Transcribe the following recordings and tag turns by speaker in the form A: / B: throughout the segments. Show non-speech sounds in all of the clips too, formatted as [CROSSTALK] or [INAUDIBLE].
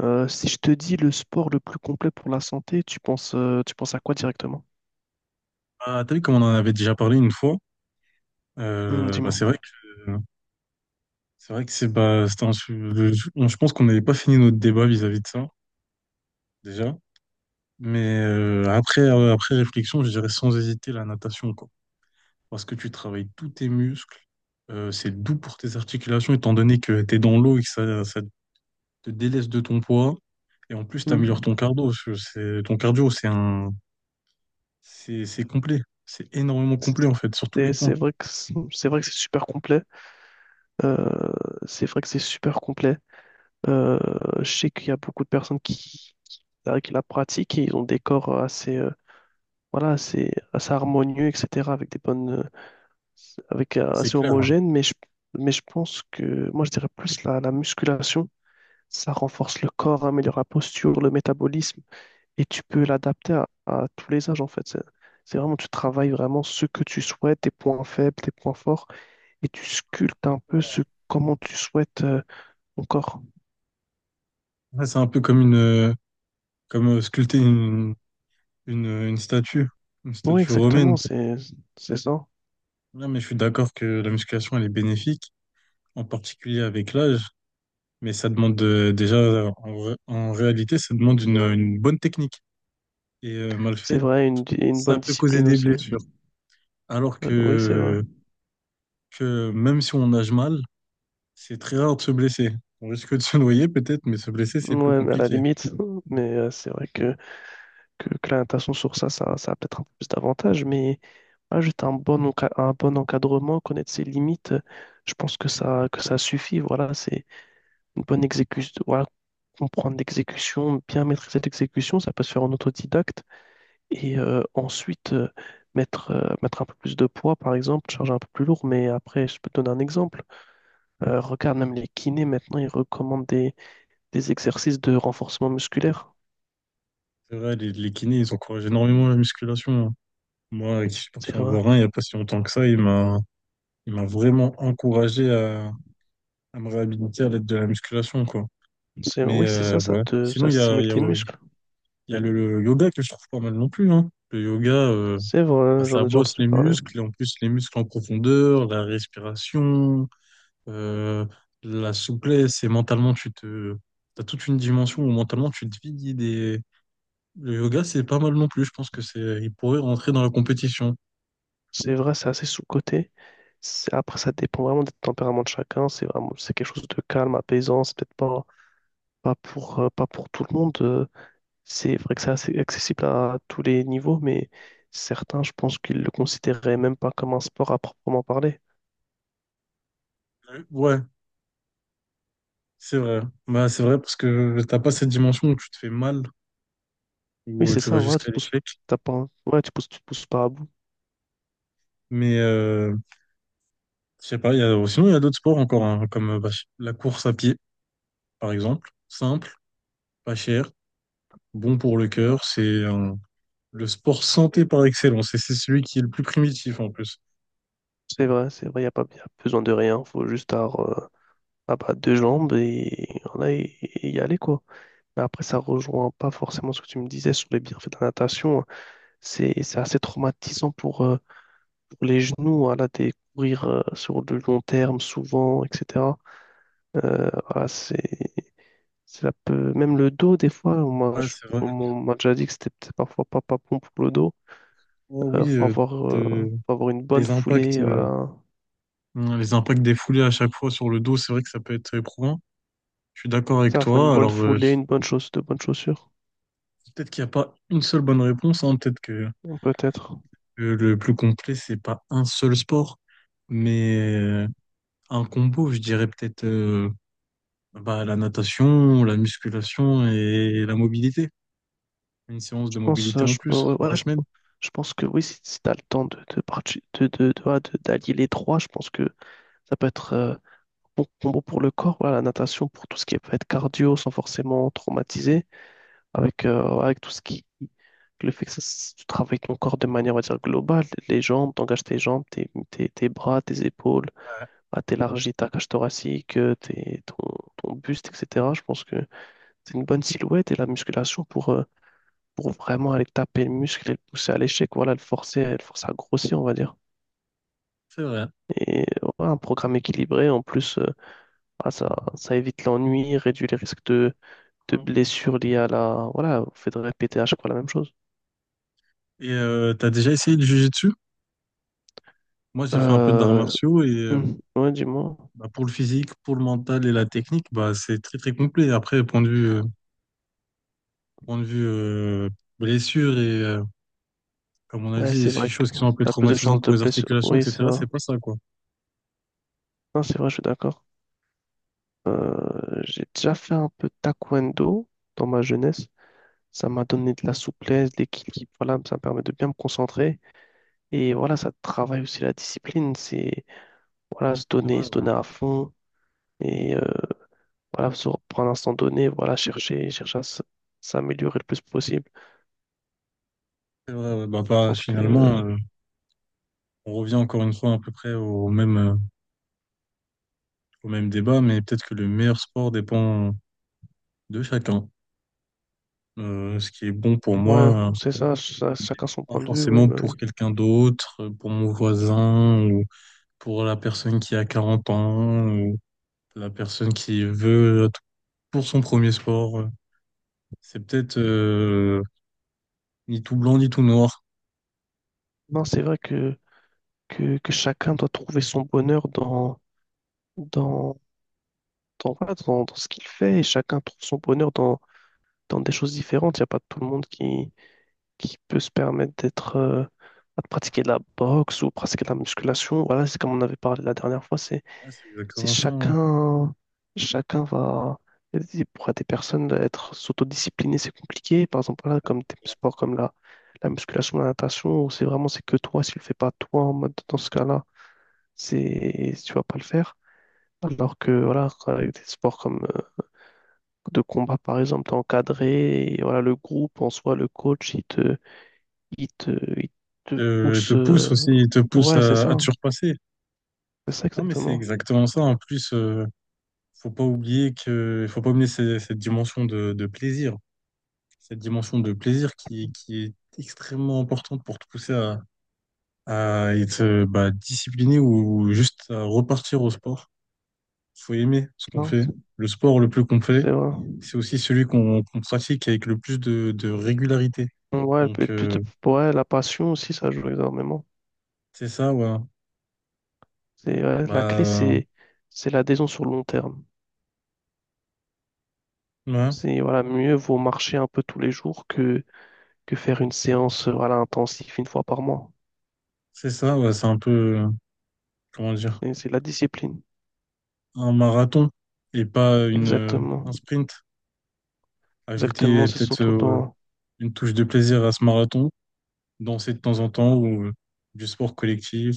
A: Si je te dis le sport le plus complet pour la santé, tu penses à quoi directement?
B: Ah, t'as vu comme on en avait déjà parlé une fois,
A: Hmm, dis-moi.
B: c'est vrai que c'est vrai que c'est bah, c'était un su- le- on- je pense qu'on n'avait pas fini notre débat vis-à-vis de ça déjà. Après réflexion, je dirais sans hésiter la natation, quoi, parce que tu travailles tous tes muscles. C'est doux pour tes articulations étant donné que t'es dans l'eau et que ça te délaisse de ton poids, et en plus t'améliores ton
A: Hmm.
B: cardio, parce que c'est ton cardio c'est un c'est complet, c'est énormément complet en fait sur tous
A: Et
B: les
A: c'est
B: points.
A: vrai que c'est vrai que c'est super complet. Euh, c'est vrai que c'est super complet. Euh, je sais qu'il y a beaucoup de personnes qui la pratiquent et ils ont des corps assez, voilà, assez harmonieux, etc., avec des bonnes, avec
B: C'est
A: assez
B: clair, hein.
A: homogènes. Mais je pense que moi, je dirais plus la musculation. Ça renforce le corps, améliore la posture, le métabolisme. Et tu peux l'adapter à tous les âges en fait. C'est vraiment, tu travailles vraiment ce que tu souhaites, tes points faibles, tes points forts, et tu sculptes un peu ce comment tu souhaites ton corps.
B: Ouais, c'est un peu comme une… Comme Sculpter une, une statue, une
A: Oui,
B: statue
A: exactement,
B: romaine.
A: c'est ça.
B: Non, mais je suis d'accord que la musculation, elle est bénéfique, en particulier avec l'âge. Mais ça demande en réalité, ça demande une bonne technique. Mal
A: C'est
B: faite,
A: vrai, une
B: ça
A: bonne
B: peut causer
A: discipline
B: des
A: aussi.
B: blessures. Alors
A: Oui, c'est vrai.
B: que, que même si on nage mal, c'est très rare de se blesser. On risque de se noyer peut-être, mais se blesser, c'est plus
A: Ouais, mais à la
B: compliqué.
A: limite, [LAUGHS] mais c'est vrai que la natation sur ça, ça a peut-être un peu plus d'avantages, mais ah, juste un un bon encadrement, connaître ses limites, je pense que ça suffit. Voilà, c'est une bonne exécution, voilà, comprendre l'exécution, bien maîtriser l'exécution, ça peut se faire en autodidacte. Et ensuite, mettre un peu plus de poids, par exemple, charger un peu plus lourd. Mais après, je peux te donner un exemple. Regarde, même les kinés, maintenant, ils recommandent des exercices de renforcement musculaire.
B: C'est vrai, les kinés, ils encouragent énormément la musculation, hein. Moi, qui suis parti
A: C'est
B: en
A: vrai.
B: voir un il n'y a pas si longtemps que ça, il m'a vraiment encouragé à me réhabiliter à l'aide de la musculation, quoi.
A: C'est, oui, c'est ça,
B: Ouais. Sinon,
A: ça stimule tes muscles.
B: il y a le yoga que je trouve pas mal non plus, hein. Le yoga,
A: C'est
B: bah,
A: vrai, j'en
B: ça
A: ai déjà
B: bosse
A: entendu
B: les
A: parler.
B: muscles, et en plus les muscles en profondeur, la respiration, euh, la souplesse, et mentalement, tu te… T'as toute une dimension où mentalement, tu te vides et… Le yoga, c'est pas mal non plus. Je pense que c'est, il pourrait rentrer dans la compétition.
A: C'est vrai, c'est assez sous-coté. C'est- Après, ça dépend vraiment des tempéraments de chacun. C'est vraiment, c'est quelque chose de calme, apaisant. C'est peut-être pas pour, pas pour tout le monde. C'est vrai que c'est assez accessible à tous les niveaux, mais certains, je pense qu'ils le considéraient même pas comme un sport à proprement parler.
B: Ouais, c'est vrai. Bah, c'est vrai parce que t'as pas cette dimension où tu te fais mal
A: Oui,
B: ou
A: c'est
B: tu vas
A: ça, voilà, tu
B: jusqu'à
A: te pousses,
B: l'échec.
A: t'as pas, ouais, tu pousses, tu te pousses pas à bout.
B: Mais euh, je sais pas, sinon il y a d'autres sports encore, hein, comme bah, la course à pied, par exemple. Simple, pas cher, bon pour le cœur. C'est le sport santé par excellence, et c'est celui qui est le plus primitif en plus.
A: C'est vrai, il n'y a pas y a besoin de rien, faut juste avoir ah bah, deux jambes et, voilà, et y aller, quoi. Mais après, ça rejoint pas forcément ce que tu me disais sur les bienfaits de la natation, hein. C'est assez traumatisant pour les genoux, voilà, des courir sur le long terme souvent, etc. Euh, ah, c'est, c'est la peu- Même le dos, des fois,
B: Ouais, c'est vrai.
A: on m'a déjà dit que c'était peut-être parfois pas bon pour le dos.
B: Oh oui, te-
A: Faut avoir une bonne
B: les impacts,
A: foulée,
B: euh,
A: voilà.
B: les impacts des foulées à chaque fois sur le dos, c'est vrai que ça peut être éprouvant. Je suis d'accord avec
A: Ça, faut une
B: toi.
A: bonne
B: Alors,
A: foulée, une bonne chaussure, de bonnes chaussures,
B: peut-être qu'il n'y a pas une seule bonne réponse, hein. Peut-être que,
A: hein, peut-être.
B: que le plus complet, c'est pas un seul sport. Mais euh, Un combo, je dirais peut-être la natation, la musculation et la mobilité. Une séance de
A: Je pense,
B: mobilité en
A: je,
B: plus dans la
A: ouais,
B: semaine.
A: je pense que oui, si, si tu as le temps de, parti- de- ouais, de- d'allier les trois, je pense que ça peut être bon combo pour le corps, voilà, la natation pour tout ce qui peut être cardio sans forcément traumatiser avec, avec tout ce qui Le fait que ça tu travailles ton corps de manière, on va dire, globale, les jambes, t'engages tes jambes, tes bras, tes épaules, bah, t'élargis ta cage thoracique, ton buste, etc. Je pense que c'est une bonne silhouette et la musculation pour vraiment aller taper le muscle et le pousser à l'échec, voilà, le forcer à grossir, on va dire.
B: C'est vrai.
A: Et voilà, un programme équilibré, en plus, voilà, ça évite l'ennui, réduit les risques de blessures liées à la, voilà, au fait de répéter à chaque fois la même chose.
B: T'as déjà essayé de juger dessus? Moi, j'ai fait un peu d'arts
A: Euh,
B: martiaux, et
A: ouais, dis-moi.
B: bah, pour le physique, pour le mental et la technique, bah, c'est très très complet. Après, point de vue blessure et comme on a
A: Ouais,
B: dit,
A: c'est
B: ces
A: vrai que
B: choses qui sont un peu
A: t'as plus de chances
B: traumatisantes pour
A: de
B: les
A: blessure.
B: articulations,
A: Oui, c'est
B: etc.
A: vrai.
B: C'est pas ça, quoi.
A: Non, c'est vrai, je suis d'accord. J'ai déjà fait un peu de taekwondo dans ma jeunesse. Ça m'a donné de la souplesse, de l'équilibre. Voilà, ça me permet de bien me concentrer. Et voilà, ça travaille aussi la discipline. C'est voilà,
B: C'est vrai,
A: se
B: ouais.
A: donner à fond. Et voilà, se reprendre un instant donné. Voilà, chercher à s'améliorer le plus possible.
B: C'est vrai, ouais. Bah,
A: Je
B: bah,
A: pense que
B: finalement, euh, on revient encore une fois à peu près au même, au même débat, mais peut-être que le meilleur sport dépend de chacun. Ce qui est bon pour
A: ouais,
B: moi,
A: c'est ça, ça,
B: euh,
A: chacun son
B: pas
A: point de vue. Oui,
B: forcément
A: bah
B: pour
A: oui.
B: quelqu'un d'autre, pour mon voisin, ou pour la personne qui a 40 ans, ou la personne qui veut pour son premier sport. C'est peut-être ni tout blanc ni tout noir.
A: Non, c'est vrai que, que chacun doit trouver son bonheur dans, dans voilà, dans ce qu'il fait et chacun trouve son bonheur dans des choses différentes. Il n'y a pas tout le monde qui peut se permettre d'être, de pratiquer de la boxe ou pratiquer de la musculation. Voilà, c'est comme on avait parlé la dernière fois,
B: Ouais, c'est
A: c'est
B: exactement ça, hein.
A: chacun, chacun va. Et pour des personnes, être s'autodiscipliner, c'est compliqué. Par exemple, là, comme des sports comme la musculation, la natation, où c'est vraiment c'est que toi, si tu le fais pas toi, en mode dans ce cas-là, c'est tu vas pas le faire. Alors que voilà, avec des sports comme de combat par exemple, t'es encadré et voilà, le groupe en soi, le coach, il te, il te pousse.
B: Il te pousse
A: Ouais,
B: à te surpasser.
A: c'est ça
B: Non, mais c'est
A: exactement.
B: exactement ça. En plus, faut pas oublier cette, cette dimension de plaisir. Cette dimension de plaisir qui est extrêmement importante pour te pousser à être bah, discipliné ou juste à repartir au sport. Il faut aimer ce qu'on
A: Non,
B: fait. Le sport le plus qu'on fait,
A: c'est vrai.
B: c'est aussi celui qu'on qu'on pratique avec le plus de régularité.
A: Ouais, elle peut
B: Donc,
A: être plus de...
B: euh,
A: ouais, la passion aussi, ça joue énormément.
B: c'est ça, ouais.
A: C'est ouais, la clé,
B: Bah,
A: c'est l'adhésion sur le long terme.
B: ouais,
A: C'est voilà, mieux vaut marcher un peu tous les jours que faire une séance voilà, intensive une fois par mois.
B: c'est ça, ouais. C'est un peu, comment dire,
A: C'est la discipline.
B: un marathon et pas
A: Exactement.
B: un sprint. Ajouter
A: Exactement,
B: euh,
A: c'est
B: peut-être
A: surtout
B: euh,
A: dans
B: une touche de plaisir à ce marathon. Danser de temps en temps ou du sport collectif.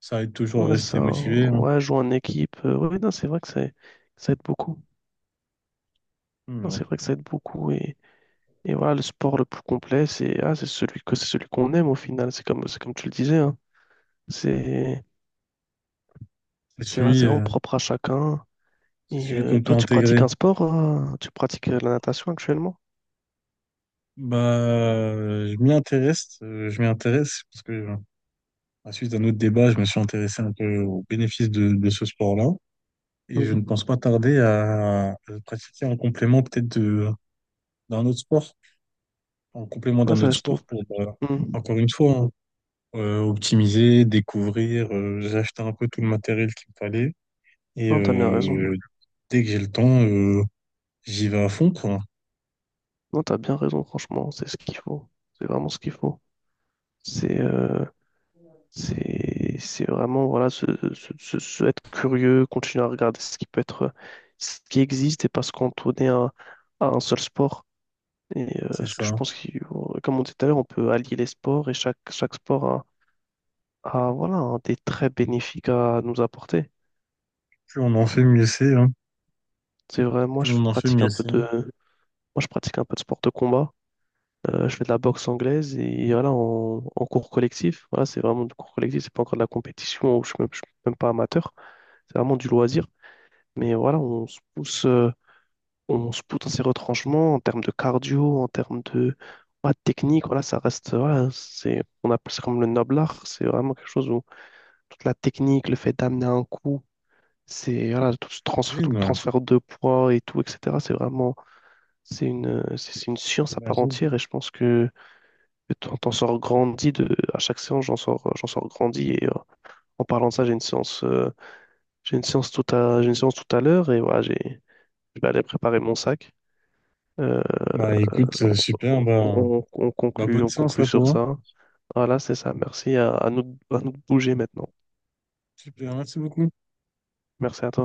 B: Ça aide toujours à
A: Ouais,
B: rester motivé, hein.
A: ouais, jouer en équipe. Ouais, non, c'est vrai que c'est- ça aide beaucoup.
B: Mais
A: Non,
B: bon.
A: c'est vrai que ça aide beaucoup. Et voilà, le sport le plus complet, c'est ah, c'est celui que c'est celui qu'on aime au final. C'est comme tu le disais, hein. C'est
B: C'est
A: c'est vrai,
B: celui,
A: c'est vraiment
B: euh,
A: propre à chacun.
B: c'est
A: Et
B: celui qu'on peut
A: toi, tu pratiques
B: intégrer.
A: un sport, hein? Tu pratiques la natation actuellement?
B: Je m'y intéresse parce que à suite d'un autre débat, je me suis intéressé un peu aux bénéfices de ce sport-là, et je
A: Mm.
B: ne pense pas tarder à le pratiquer en complément peut-être de d'un autre sport, en complément
A: Ouais,
B: d'un
A: ça,
B: autre
A: je
B: sport
A: trouve.
B: pour
A: Mm.
B: encore une fois, hein, optimiser, découvrir. J'ai acheté un peu tout le matériel qu'il me fallait, et
A: Non, t'as bien raison.
B: euh, dès que j'ai le temps, j'y vais à fond, quoi.
A: Non, t'as bien raison, franchement. C'est ce qu'il faut. C'est vraiment ce qu'il faut. C'est euh, c'est vraiment voilà, être curieux, continuer à regarder ce qui peut être, ce qui existe et pas se cantonner à un seul sport. Et
B: C'est
A: ce que je
B: ça.
A: pense, comme on disait tout à l'heure, on peut allier les sports et chaque sport a, voilà, un des traits bénéfiques à nous apporter.
B: Plus on en fait, mieux c'est, hein.
A: C'est vrai,
B: Plus on en fait, mieux c'est.
A: moi je pratique un peu de sport de combat. Je fais de la boxe anglaise et voilà, en cours collectif. Voilà, c'est vraiment du cours collectif, c'est pas encore de la compétition, ou je suis même pas amateur, c'est vraiment du loisir. Mais voilà, on se pousse dans ces retranchements en termes de cardio, en termes de ouais, de technique. Voilà, ça reste, voilà, c'est, on appelle ça comme le noble art. C'est vraiment quelque chose où toute la technique, le fait d'amener un coup, c'est voilà, tout le
B: J'imagine, ouais.
A: transfert de poids et tout, etc. C'est vraiment, c'est une, c'est une science à part
B: J'imagine.
A: entière. Et je pense que t'en sors grandi de, à chaque séance, j'en sors grandi. Et en parlant de ça, j'ai une séance tout à, j'ai une séance tout à l'heure et voilà, j'ai, je vais aller préparer mon sac. Euh,
B: Bah écoute, super, bah bonne
A: on
B: séance
A: conclut
B: à
A: sur
B: toi.
A: ça. Voilà, c'est ça. Merci à nous de bouger maintenant.
B: Super, merci beaucoup.
A: Merci à toi.